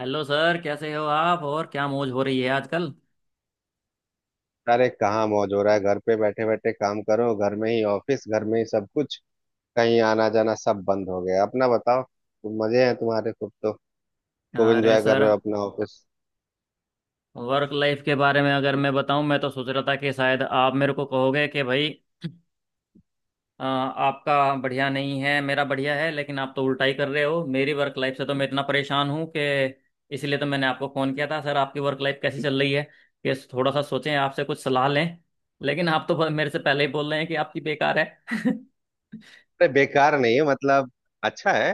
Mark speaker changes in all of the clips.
Speaker 1: Hello sir, कैसे हो आप? और क्या मौज हो रही है आजकल?
Speaker 2: अरे कहाँ मौज हो रहा है। घर पे बैठे बैठे काम करो, घर में ही ऑफिस घर में ही सब कुछ। कहीं आना जाना सब बंद हो गया। अपना बताओ, तुम मजे हैं तुम्हारे खूब तो खूब
Speaker 1: अरे
Speaker 2: एंजॉय कर
Speaker 1: सर,
Speaker 2: रहे हो अपना ऑफिस।
Speaker 1: वर्क लाइफ के बारे में अगर मैं बताऊं, मैं तो सोच रहा था कि शायद आप मेरे को कहोगे कि भाई, आपका बढ़िया नहीं है मेरा बढ़िया है। लेकिन आप तो उल्टा ही कर रहे हो। मेरी वर्क लाइफ से तो मैं इतना परेशान हूं कि इसलिए तो मैंने आपको फ़ोन किया था सर। आपकी वर्क लाइफ कैसी चल रही है ये थोड़ा सा सोचें, आपसे कुछ सलाह लें। लेकिन आप तो मेरे से पहले ही बोल रहे हैं कि आपकी बेकार है।
Speaker 2: अरे बेकार नहीं है, मतलब अच्छा है।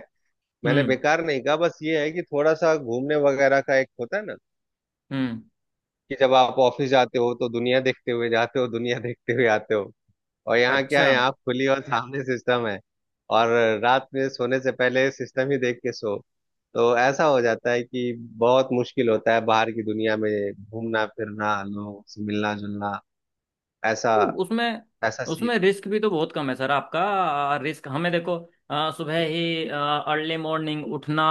Speaker 2: मैंने
Speaker 1: हम्म।
Speaker 2: बेकार नहीं कहा, बस ये है कि थोड़ा सा घूमने वगैरह का एक होता है ना,
Speaker 1: हम्म।
Speaker 2: कि जब आप ऑफिस जाते हो तो दुनिया देखते हुए जाते हो, दुनिया देखते हुए आते हो। और यहाँ क्या
Speaker 1: अच्छा।
Speaker 2: है, यहाँ खुली और सामने सिस्टम है। और रात में सोने से पहले सिस्टम ही देख के सो। तो ऐसा हो जाता है कि बहुत मुश्किल होता है बाहर की दुनिया में घूमना फिरना, लोगों से मिलना जुलना। ऐसा
Speaker 1: तो उसमें
Speaker 2: ऐसा सी
Speaker 1: उसमें रिस्क भी तो बहुत कम है सर। आपका रिस्क हमें देखो। सुबह ही अर्ली मॉर्निंग उठना,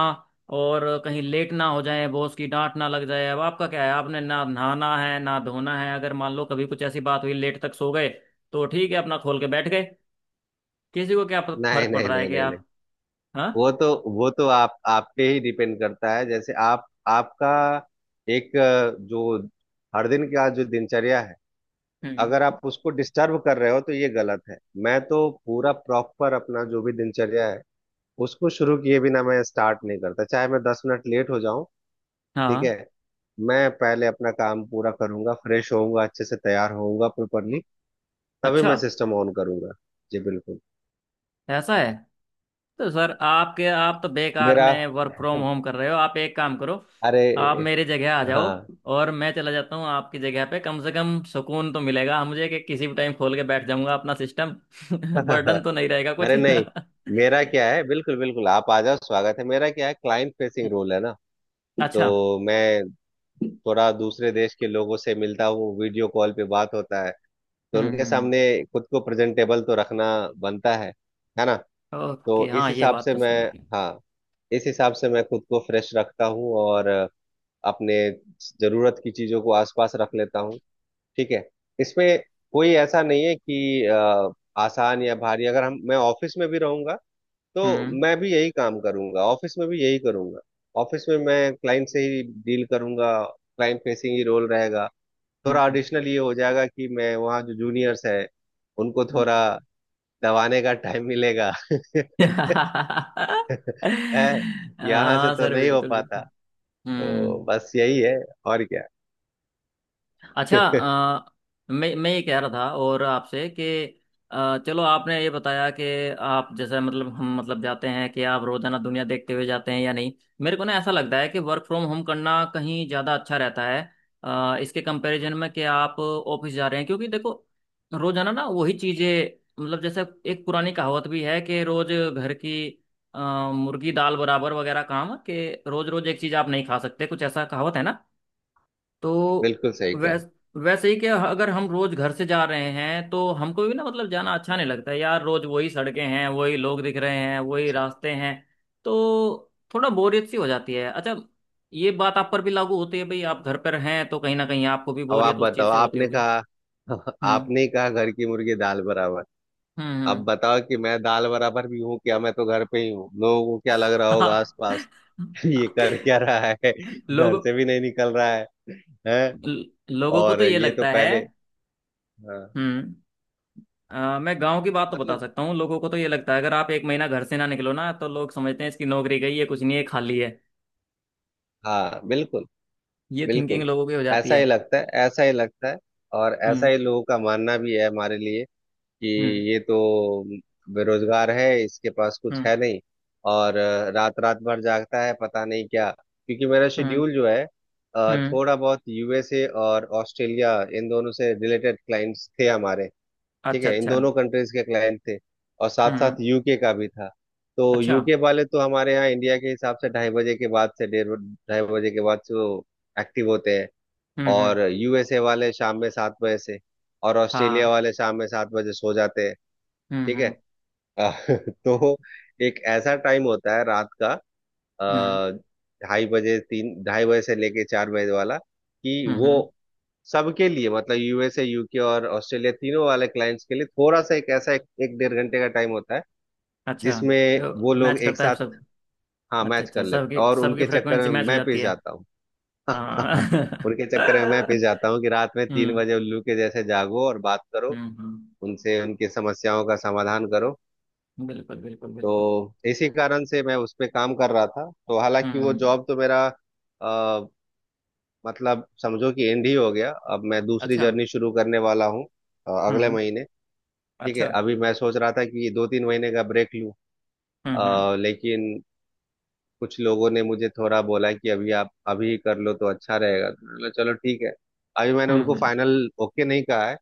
Speaker 1: और कहीं लेट ना हो जाए, बॉस की डांट ना लग जाए। अब आपका क्या है? आपने ना नहाना है ना धोना है। अगर मान लो कभी कुछ ऐसी बात हुई, लेट तक सो गए, तो ठीक है, अपना खोल के बैठ गए। किसी को क्या
Speaker 2: नहीं,
Speaker 1: फर्क पड़
Speaker 2: नहीं,
Speaker 1: रहा है
Speaker 2: नहीं,
Speaker 1: कि
Speaker 2: नहीं, नहीं।
Speaker 1: आप। हाँ।
Speaker 2: वो तो आप पे ही डिपेंड करता है। जैसे आप आपका एक जो हर दिन का जो दिनचर्या है, अगर
Speaker 1: हम्म।
Speaker 2: आप उसको डिस्टर्ब कर रहे हो तो ये गलत है। मैं तो पूरा प्रॉपर अपना जो भी दिनचर्या है, उसको शुरू किए बिना मैं स्टार्ट नहीं करता, चाहे मैं 10 मिनट लेट हो जाऊं। ठीक
Speaker 1: हाँ।
Speaker 2: है। मैं पहले अपना काम पूरा करूंगा, फ्रेश होऊंगा, अच्छे से तैयार होऊंगा, प्रॉपरली तभी
Speaker 1: अच्छा,
Speaker 2: मैं सिस्टम ऑन करूंगा। जी बिल्कुल।
Speaker 1: ऐसा है। तो सर, आपके, आप तो बेकार
Speaker 2: मेरा।
Speaker 1: में वर्क फ्रॉम होम कर रहे हो। आप एक काम करो,
Speaker 2: अरे।
Speaker 1: आप मेरी जगह आ जाओ
Speaker 2: हाँ।
Speaker 1: और मैं चला जाता हूँ आपकी जगह पे। कम से कम सुकून तो मिलेगा मुझे कि किसी भी टाइम खोल के बैठ जाऊंगा अपना सिस्टम। बर्डन तो नहीं रहेगा कुछ।
Speaker 2: अरे नहीं, मेरा क्या है, बिल्कुल बिल्कुल आप आ जाओ, स्वागत है। मेरा क्या है, क्लाइंट फेसिंग रोल है ना।
Speaker 1: अच्छा।
Speaker 2: तो मैं थोड़ा दूसरे देश के लोगों से मिलता हूँ, वीडियो कॉल पे बात होता है। तो उनके
Speaker 1: हम्म।
Speaker 2: सामने खुद को प्रेजेंटेबल तो रखना बनता है ना।
Speaker 1: ओके,
Speaker 2: तो इस
Speaker 1: हाँ, ये
Speaker 2: हिसाब
Speaker 1: बात
Speaker 2: से
Speaker 1: तो
Speaker 2: मैं,
Speaker 1: सही है कि।
Speaker 2: हाँ, इस हिसाब से मैं खुद को फ्रेश रखता हूँ और अपने जरूरत की चीजों को आसपास रख लेता हूँ। ठीक है। इसमें कोई ऐसा नहीं है कि आसान या भारी। अगर हम मैं ऑफिस में भी रहूंगा तो
Speaker 1: हम्म।
Speaker 2: मैं भी यही काम करूंगा, ऑफिस में भी यही करूंगा। ऑफिस में मैं क्लाइंट से ही डील करूंगा, क्लाइंट फेसिंग ही रोल रहेगा।
Speaker 1: हम्म।
Speaker 2: थोड़ा
Speaker 1: हम्म।
Speaker 2: एडिशनल ये हो जाएगा कि मैं वहाँ जो जूनियर्स है उनको थोड़ा दबाने का टाइम मिलेगा।
Speaker 1: हम्म।
Speaker 2: है। यहाँ से
Speaker 1: हाँ
Speaker 2: तो
Speaker 1: सर,
Speaker 2: नहीं हो
Speaker 1: बिल्कुल
Speaker 2: पाता।
Speaker 1: बिल्कुल।
Speaker 2: तो
Speaker 1: हम्म।
Speaker 2: बस यही है, और क्या।
Speaker 1: अच्छा। मैं ये कह रहा था और आपसे कि चलो, आपने ये बताया कि आप जैसे मतलब हम मतलब जाते हैं कि आप रोजाना दुनिया देखते हुए जाते हैं या नहीं। मेरे को ना ऐसा लगता है कि वर्क फ्रॉम होम करना कहीं ज़्यादा अच्छा रहता है इसके कंपैरिजन में कि आप ऑफिस जा रहे हैं। क्योंकि देखो, रोजाना ना वही चीज़ें, मतलब जैसे एक पुरानी कहावत भी है कि रोज घर की अ, मुर्गी दाल बराबर वगैरह काम कि रोज रोज एक चीज़ आप नहीं खा सकते, कुछ ऐसा कहावत है ना। तो
Speaker 2: बिल्कुल सही कहा।
Speaker 1: वैस वैसे ही कि अगर हम रोज घर से जा रहे हैं तो हमको भी ना मतलब जाना अच्छा नहीं लगता है। यार, रोज वही सड़कें हैं, वही लोग दिख रहे हैं, वही
Speaker 2: अच्छा।
Speaker 1: रास्ते हैं, तो थोड़ा बोरियत सी हो जाती है। अच्छा, ये बात आप पर भी लागू होती है भाई, आप घर पर हैं तो कहीं ना कहीं आपको भी
Speaker 2: अब आप
Speaker 1: बोरियत उस
Speaker 2: बताओ,
Speaker 1: चीज से होती
Speaker 2: आपने
Speaker 1: होगी।
Speaker 2: कहा।
Speaker 1: हम्म।
Speaker 2: आपने ही कहा घर की मुर्गी दाल बराबर। अब
Speaker 1: हम्म।
Speaker 2: बताओ कि मैं दाल बराबर भी हूँ क्या? मैं तो घर पे ही हूँ, लोगों को क्या लग रहा होगा
Speaker 1: हम्म।
Speaker 2: आसपास। ये कर क्या रहा है? घर
Speaker 1: लोगों,
Speaker 2: से भी नहीं निकल रहा है, हैं?
Speaker 1: लोगों को
Speaker 2: और
Speaker 1: तो ये
Speaker 2: ये तो
Speaker 1: लगता है।
Speaker 2: पहले, हाँ।
Speaker 1: हम्म। मैं गांव की बात तो बता
Speaker 2: मतलब
Speaker 1: सकता हूँ। लोगों को तो ये लगता है अगर आप 1 महीना घर से ना निकलो ना, तो लोग समझते हैं इसकी नौकरी गई है, कुछ नहीं है, खाली है।
Speaker 2: हाँ, बिल्कुल
Speaker 1: ये थिंकिंग
Speaker 2: बिल्कुल।
Speaker 1: लोगों की हो जाती
Speaker 2: ऐसा ही
Speaker 1: है।
Speaker 2: लगता है, ऐसा ही लगता है। और ऐसा
Speaker 1: हम्म।
Speaker 2: ही लोगों का मानना भी है हमारे लिए, कि
Speaker 1: हम्म।
Speaker 2: ये तो बेरोजगार है, इसके पास कुछ
Speaker 1: हम्म।
Speaker 2: है नहीं। और रात रात भर जागता है, पता नहीं क्या। क्योंकि मेरा
Speaker 1: हम्म।
Speaker 2: शेड्यूल जो है,
Speaker 1: हम्म।
Speaker 2: थोड़ा बहुत यूएसए और ऑस्ट्रेलिया, इन दोनों से रिलेटेड क्लाइंट्स थे हमारे। ठीक
Speaker 1: अच्छा
Speaker 2: है, इन
Speaker 1: अच्छा।
Speaker 2: दोनों कंट्रीज के क्लाइंट थे। और साथ
Speaker 1: हम्म।
Speaker 2: साथ यूके का भी था। तो
Speaker 1: अच्छा।
Speaker 2: यूके वाले तो हमारे यहाँ इंडिया के हिसाब से ढाई बजे के बाद से, डेढ़ ढाई बजे के बाद से वो एक्टिव होते हैं।
Speaker 1: हम्म। हम्म।
Speaker 2: और यूएसए वाले शाम में 7 बजे से, और ऑस्ट्रेलिया
Speaker 1: हाँ।
Speaker 2: वाले शाम में सात बजे सो जाते हैं।
Speaker 1: हम्म।
Speaker 2: ठीक है।
Speaker 1: हम्म।
Speaker 2: अ, तो एक ऐसा टाइम होता है रात का,
Speaker 1: हम्म।
Speaker 2: अ, ढाई बजे तीन, ढाई बजे से लेके 4 बजे वाला कि
Speaker 1: हम्म।
Speaker 2: वो
Speaker 1: हम्म।
Speaker 2: सबके लिए, मतलब यूएसए यूके और ऑस्ट्रेलिया, तीनों वाले क्लाइंट्स के लिए थोड़ा सा एक ऐसा एक डेढ़ घंटे का टाइम होता है
Speaker 1: अच्छा।
Speaker 2: जिसमें
Speaker 1: तो
Speaker 2: वो लोग
Speaker 1: मैच
Speaker 2: एक
Speaker 1: करता है
Speaker 2: साथ,
Speaker 1: सब?
Speaker 2: हाँ,
Speaker 1: अच्छा
Speaker 2: मैच
Speaker 1: अच्छा,
Speaker 2: कर लेते,
Speaker 1: सबकी
Speaker 2: और
Speaker 1: सबकी
Speaker 2: उनके चक्कर
Speaker 1: फ्रिक्वेंसी
Speaker 2: में
Speaker 1: मैच हो
Speaker 2: मैं
Speaker 1: जाती
Speaker 2: पिस
Speaker 1: है।
Speaker 2: जाता हूँ।
Speaker 1: हाँ।
Speaker 2: उनके चक्कर में मैं पिस जाता हूँ कि रात में तीन
Speaker 1: हम्म।
Speaker 2: बजे उल्लू के जैसे जागो और बात करो,
Speaker 1: हम्म। हम्म।
Speaker 2: उनसे उनकी समस्याओं का समाधान करो।
Speaker 1: बिल्कुल बिल्कुल बिल्कुल।
Speaker 2: तो इसी कारण से मैं उस पे काम कर रहा था। तो
Speaker 1: हम्म।
Speaker 2: हालांकि वो
Speaker 1: हम्म।
Speaker 2: जॉब तो मेरा अ, मतलब समझो कि एंड ही हो गया। अब मैं दूसरी
Speaker 1: अच्छा।
Speaker 2: जर्नी शुरू करने वाला हूँ, अगले
Speaker 1: हम्म।
Speaker 2: महीने। ठीक है,
Speaker 1: अच्छा।
Speaker 2: अभी मैं सोच रहा था कि 2-3 महीने का ब्रेक लूँ,
Speaker 1: हम्म। हम्म।
Speaker 2: लेकिन कुछ लोगों ने मुझे थोड़ा बोला कि अभी आप अभी कर लो तो अच्छा रहेगा, तो मैंने बोला, चलो ठीक है। अभी मैंने
Speaker 1: हम्म।
Speaker 2: उनको
Speaker 1: हम्म।
Speaker 2: फाइनल ओके नहीं कहा है।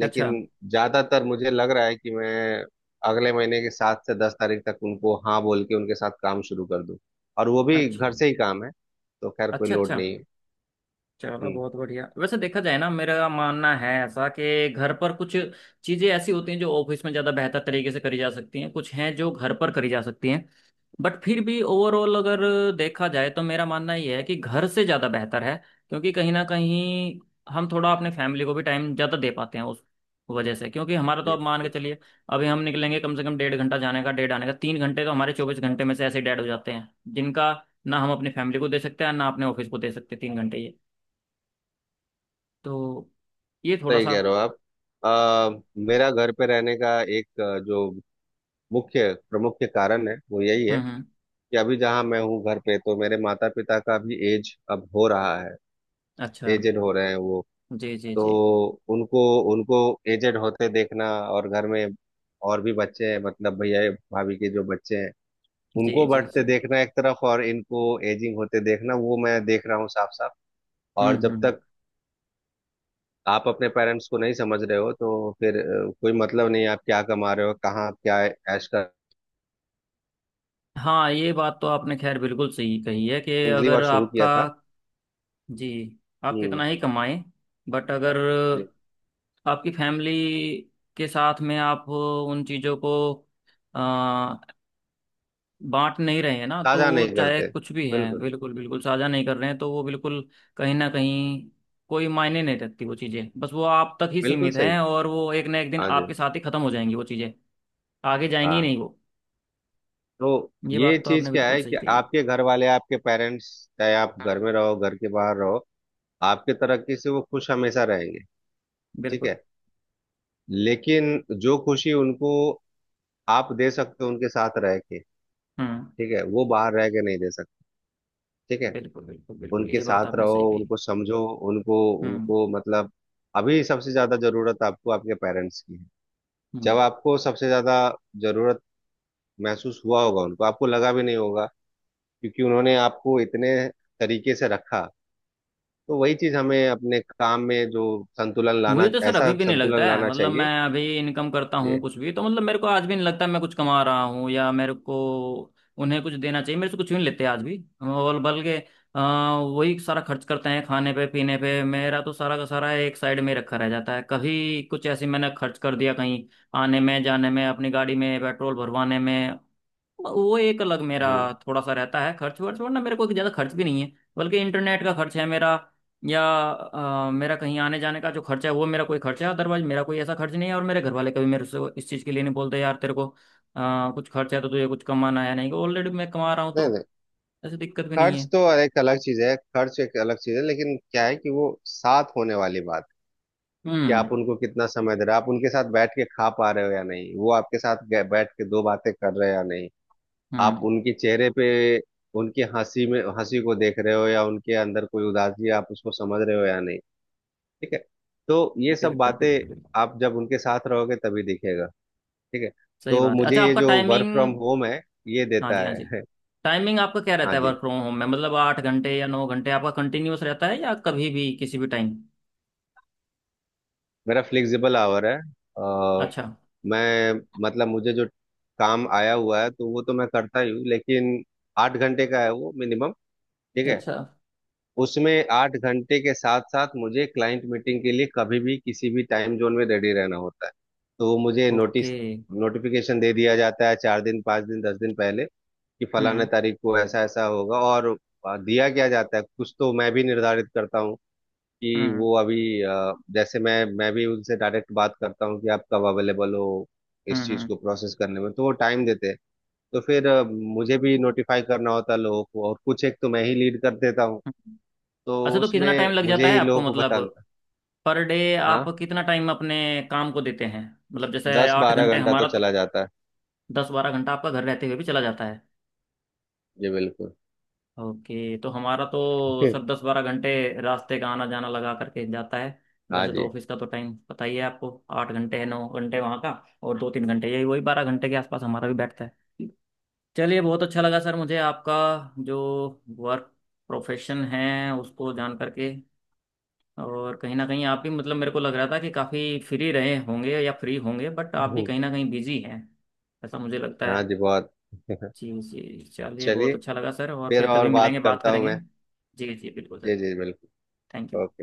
Speaker 1: अच्छा
Speaker 2: लेकिन ज्यादातर मुझे लग रहा है कि मैं अगले महीने की 7 से 10 तारीख तक उनको हाँ बोल के उनके साथ काम शुरू कर दूं। और वो भी
Speaker 1: अच्छा।
Speaker 2: घर से ही काम है, तो खैर कोई
Speaker 1: अच्छा अच्छा।
Speaker 2: लोड नहीं है।
Speaker 1: चलो
Speaker 2: हम्म,
Speaker 1: बहुत बढ़िया। वैसे देखा जाए ना, मेरा मानना है ऐसा कि घर पर कुछ चीजें ऐसी होती हैं जो ऑफिस में ज्यादा बेहतर तरीके से करी जा सकती हैं, कुछ हैं जो घर पर करी जा सकती हैं। बट फिर भी ओवरऑल अगर देखा जाए तो मेरा मानना ये है कि घर से ज़्यादा बेहतर है। क्योंकि कहीं ना कहीं हम थोड़ा अपने फैमिली को भी टाइम ज़्यादा दे पाते हैं उस वजह से। क्योंकि हमारा तो
Speaker 2: जी
Speaker 1: आप मान के
Speaker 2: बिल्कुल।
Speaker 1: चलिए, अभी हम निकलेंगे, कम से कम 1.5 घंटा जाने का, डेढ़ आने का, 3 घंटे तो हमारे 24 घंटे में से ऐसे डेड हो जाते हैं जिनका ना हम अपनी फैमिली को दे सकते हैं ना अपने ऑफिस को दे सकते। 3 घंटे ये, तो ये थोड़ा
Speaker 2: सही
Speaker 1: सा।
Speaker 2: कह रहे हो आप। अ, मेरा घर पे रहने का एक जो मुख्य प्रमुख कारण है वो यही है
Speaker 1: हम्म। हम्म।
Speaker 2: कि अभी जहाँ मैं हूँ घर पे, तो मेरे माता पिता का भी एज अब हो रहा है।
Speaker 1: अच्छा।
Speaker 2: एजेड हो रहे हैं वो।
Speaker 1: जी जी
Speaker 2: तो
Speaker 1: जी।
Speaker 2: उनको उनको एजेड होते देखना, और घर में और भी बच्चे हैं, मतलब भैया भाभी के जो बच्चे हैं
Speaker 1: जी
Speaker 2: उनको
Speaker 1: जी
Speaker 2: बढ़ते
Speaker 1: जी।
Speaker 2: देखना एक तरफ, और इनको एजिंग होते देखना, वो मैं देख रहा हूँ साफ साफ।
Speaker 1: हम्म।
Speaker 2: और जब
Speaker 1: हम्म।
Speaker 2: तक आप अपने पेरेंट्स को नहीं समझ रहे हो तो फिर कोई मतलब नहीं है आप क्या कमा रहे हो, कहाँ आप क्या ऐश कर।
Speaker 1: हाँ, ये बात तो आपने खैर बिल्कुल सही कही है कि
Speaker 2: अगली
Speaker 1: अगर
Speaker 2: बार शुरू
Speaker 1: आपका।
Speaker 2: किया था।
Speaker 1: जी। आप
Speaker 2: हम्म।
Speaker 1: कितना ही कमाएं, बट अगर आपकी फैमिली के साथ में आप उन चीज़ों को अ, बांट नहीं रहे हैं ना, तो
Speaker 2: ताजा
Speaker 1: वो
Speaker 2: नहीं
Speaker 1: चाहे
Speaker 2: करते।
Speaker 1: कुछ भी हैं,
Speaker 2: बिल्कुल।
Speaker 1: बिल्कुल बिल्कुल साझा नहीं कर रहे हैं, तो वो बिल्कुल कहीं ना कहीं कोई मायने नहीं रखती वो चीज़ें। बस वो आप तक ही
Speaker 2: बिल्कुल
Speaker 1: सीमित हैं
Speaker 2: सही।
Speaker 1: और वो एक ना एक दिन
Speaker 2: हाँ जी।
Speaker 1: आपके साथ ही ख़त्म हो जाएंगी वो चीज़ें, आगे जाएंगी ही
Speaker 2: हाँ।
Speaker 1: नहीं वो।
Speaker 2: तो
Speaker 1: ये
Speaker 2: ये
Speaker 1: बात तो
Speaker 2: चीज
Speaker 1: आपने
Speaker 2: क्या
Speaker 1: बिल्कुल
Speaker 2: है
Speaker 1: सही
Speaker 2: कि
Speaker 1: कही है।
Speaker 2: आपके घर वाले, आपके पेरेंट्स, चाहे आप घर
Speaker 1: हाँ
Speaker 2: में रहो, घर के बाहर रहो, आपके तरक्की से वो खुश हमेशा रहेंगे। ठीक
Speaker 1: बिल्कुल।
Speaker 2: है। लेकिन जो खुशी उनको आप दे सकते हो उनके साथ रह के,
Speaker 1: हम्म।
Speaker 2: ठीक है, वो बाहर रह के नहीं दे सकते। ठीक है।
Speaker 1: बिल्कुल बिल्कुल बिल्कुल।
Speaker 2: उनके
Speaker 1: ये बात
Speaker 2: साथ
Speaker 1: आपने
Speaker 2: रहो,
Speaker 1: सही कही।
Speaker 2: उनको समझो, उनको
Speaker 1: हम्म।
Speaker 2: उनको मतलब, अभी सबसे ज्यादा जरूरत आपको आपके पेरेंट्स की है।
Speaker 1: हम्म।
Speaker 2: जब आपको सबसे ज्यादा जरूरत महसूस हुआ होगा उनको, आपको लगा भी नहीं होगा, क्योंकि उन्होंने आपको इतने तरीके से रखा। तो वही चीज हमें अपने काम में जो संतुलन
Speaker 1: मुझे
Speaker 2: लाना,
Speaker 1: तो सर अभी
Speaker 2: ऐसा
Speaker 1: भी नहीं लगता
Speaker 2: संतुलन
Speaker 1: है,
Speaker 2: लाना
Speaker 1: मतलब मैं
Speaker 2: चाहिए।
Speaker 1: अभी इनकम करता हूँ
Speaker 2: जी।
Speaker 1: कुछ भी तो, मतलब मेरे को आज भी नहीं लगता मैं कुछ कमा रहा हूँ या मेरे को उन्हें कुछ देना चाहिए। मेरे से कुछ भी नहीं लेते आज भी, और बल्कि अ, वही सारा खर्च करते हैं खाने पे पीने पे। मेरा तो सारा का सारा एक साइड में रखा रह जाता है। कभी कुछ ऐसे मैंने खर्च कर दिया कहीं आने में जाने में, अपनी गाड़ी में पेट्रोल भरवाने में, वो एक अलग मेरा
Speaker 2: हम्म।
Speaker 1: थोड़ा सा रहता है खर्च वर्च, वरना मेरे को ज़्यादा खर्च भी नहीं है। बल्कि इंटरनेट का खर्च है मेरा, या मेरा कहीं आने जाने का जो खर्च है वो, मेरा कोई खर्च है। अदरवाइज मेरा कोई ऐसा खर्च नहीं है। और मेरे घर वाले कभी मेरे से इस चीज़ के लिए नहीं बोलते यार तेरे को कुछ खर्च है तो तुझे कुछ कमाना है, नहीं, ऑलरेडी मैं कमा रहा हूँ
Speaker 2: नहीं
Speaker 1: तो
Speaker 2: नहीं,
Speaker 1: ऐसी दिक्कत भी नहीं
Speaker 2: खर्च
Speaker 1: है।
Speaker 2: तो एक अलग चीज है, खर्च एक अलग चीज है। लेकिन क्या है कि वो साथ होने वाली बात, कि
Speaker 1: हम्म।
Speaker 2: आप उनको कितना समय दे रहे हो, आप उनके साथ बैठ के खा पा रहे हो या नहीं, वो आपके साथ बैठ के दो बातें कर रहे हो या नहीं। आप
Speaker 1: हम्म।
Speaker 2: उनके चेहरे पे उनकी हंसी में हंसी को देख रहे हो, या उनके अंदर कोई उदासी आप उसको समझ रहे हो या नहीं। ठीक है। तो ये सब
Speaker 1: बिल्कुल
Speaker 2: बातें
Speaker 1: बिल्कुल बिल्कुल।
Speaker 2: आप जब उनके साथ रहोगे तभी दिखेगा। ठीक है,
Speaker 1: सही
Speaker 2: तो
Speaker 1: बात है।
Speaker 2: मुझे
Speaker 1: अच्छा,
Speaker 2: ये
Speaker 1: आपका
Speaker 2: जो वर्क फ्रॉम
Speaker 1: टाइमिंग।
Speaker 2: होम है ये
Speaker 1: हाँ
Speaker 2: देता
Speaker 1: जी, हाँ जी।
Speaker 2: है।
Speaker 1: टाइमिंग आपका क्या
Speaker 2: हाँ
Speaker 1: रहता है
Speaker 2: जी,
Speaker 1: वर्क फ्रॉम होम में? मतलब 8 घंटे या 9 घंटे आपका कंटिन्यूअस रहता है या कभी भी किसी भी टाइम?
Speaker 2: मेरा फ्लेक्सिबल आवर है। आ,
Speaker 1: अच्छा
Speaker 2: मैं मतलब मुझे जो काम आया हुआ है तो वो तो मैं करता ही हूँ। लेकिन 8 घंटे का है वो, मिनिमम। ठीक है।
Speaker 1: अच्छा।
Speaker 2: उसमें 8 घंटे के साथ साथ मुझे क्लाइंट मीटिंग के लिए कभी भी किसी भी टाइम जोन में रेडी रहना होता है। तो वो मुझे
Speaker 1: ओके।
Speaker 2: नोटिस नोटिफिकेशन दे दिया जाता है 4 दिन 5 दिन 10 दिन पहले, कि फलाना
Speaker 1: हम्म।
Speaker 2: तारीख को ऐसा ऐसा होगा। और दिया क्या जाता है, कुछ तो मैं भी निर्धारित करता हूँ कि
Speaker 1: हम्म।
Speaker 2: वो अभी, जैसे मैं भी उनसे डायरेक्ट बात करता हूँ कि आप कब अवेलेबल हो इस
Speaker 1: हम्म।
Speaker 2: चीज़
Speaker 1: हम्म।
Speaker 2: को प्रोसेस करने में। तो वो टाइम देते हैं। तो फिर मुझे भी नोटिफाई करना होता है लोगों को, और कुछ एक तो मैं ही लीड कर देता हूँ।
Speaker 1: हम्म।
Speaker 2: तो
Speaker 1: अच्छा, तो कितना
Speaker 2: उसमें
Speaker 1: टाइम लग
Speaker 2: मुझे
Speaker 1: जाता है
Speaker 2: ही
Speaker 1: आपको?
Speaker 2: लोगों को
Speaker 1: मतलब
Speaker 2: बताना था।
Speaker 1: पर डे आप
Speaker 2: हाँ,
Speaker 1: कितना टाइम अपने काम को देते हैं? मतलब जैसे
Speaker 2: दस
Speaker 1: आठ
Speaker 2: बारह
Speaker 1: घंटे
Speaker 2: घंटा तो
Speaker 1: हमारा तो,
Speaker 2: चला जाता है।
Speaker 1: 10-12 घंटा आपका घर रहते हुए भी चला जाता है।
Speaker 2: जी बिल्कुल।
Speaker 1: ओके, तो हमारा तो सर 10-12 घंटे रास्ते का आना जाना लगा करके जाता है।
Speaker 2: हाँ
Speaker 1: वैसे तो
Speaker 2: जी।
Speaker 1: ऑफिस का तो टाइम पता ही है आपको, 8 घंटे है 9 घंटे वहाँ का, और 2-3 घंटे यही वही, 12 घंटे के आसपास हमारा भी बैठता है। चलिए, बहुत अच्छा लगा सर मुझे आपका जो वर्क प्रोफेशन है उसको जान करके। और कहीं ना कहीं आप भी, मतलब मेरे को लग रहा था कि काफ़ी फ्री रहे होंगे या फ्री होंगे, बट आप भी
Speaker 2: हम्म।
Speaker 1: कहीं ना कहीं बिजी हैं ऐसा मुझे लगता
Speaker 2: हाँ जी
Speaker 1: है।
Speaker 2: बहुत।
Speaker 1: जी जी, चलिए, बहुत
Speaker 2: चलिए,
Speaker 1: अच्छा लगा सर, और
Speaker 2: फिर
Speaker 1: फिर कभी
Speaker 2: और
Speaker 1: मिलेंगे
Speaker 2: बात
Speaker 1: बात
Speaker 2: करता हूँ
Speaker 1: करेंगे।
Speaker 2: मैं।
Speaker 1: जी जी बिल्कुल सर।
Speaker 2: जी जी बिल्कुल।
Speaker 1: Thank you.
Speaker 2: ओके।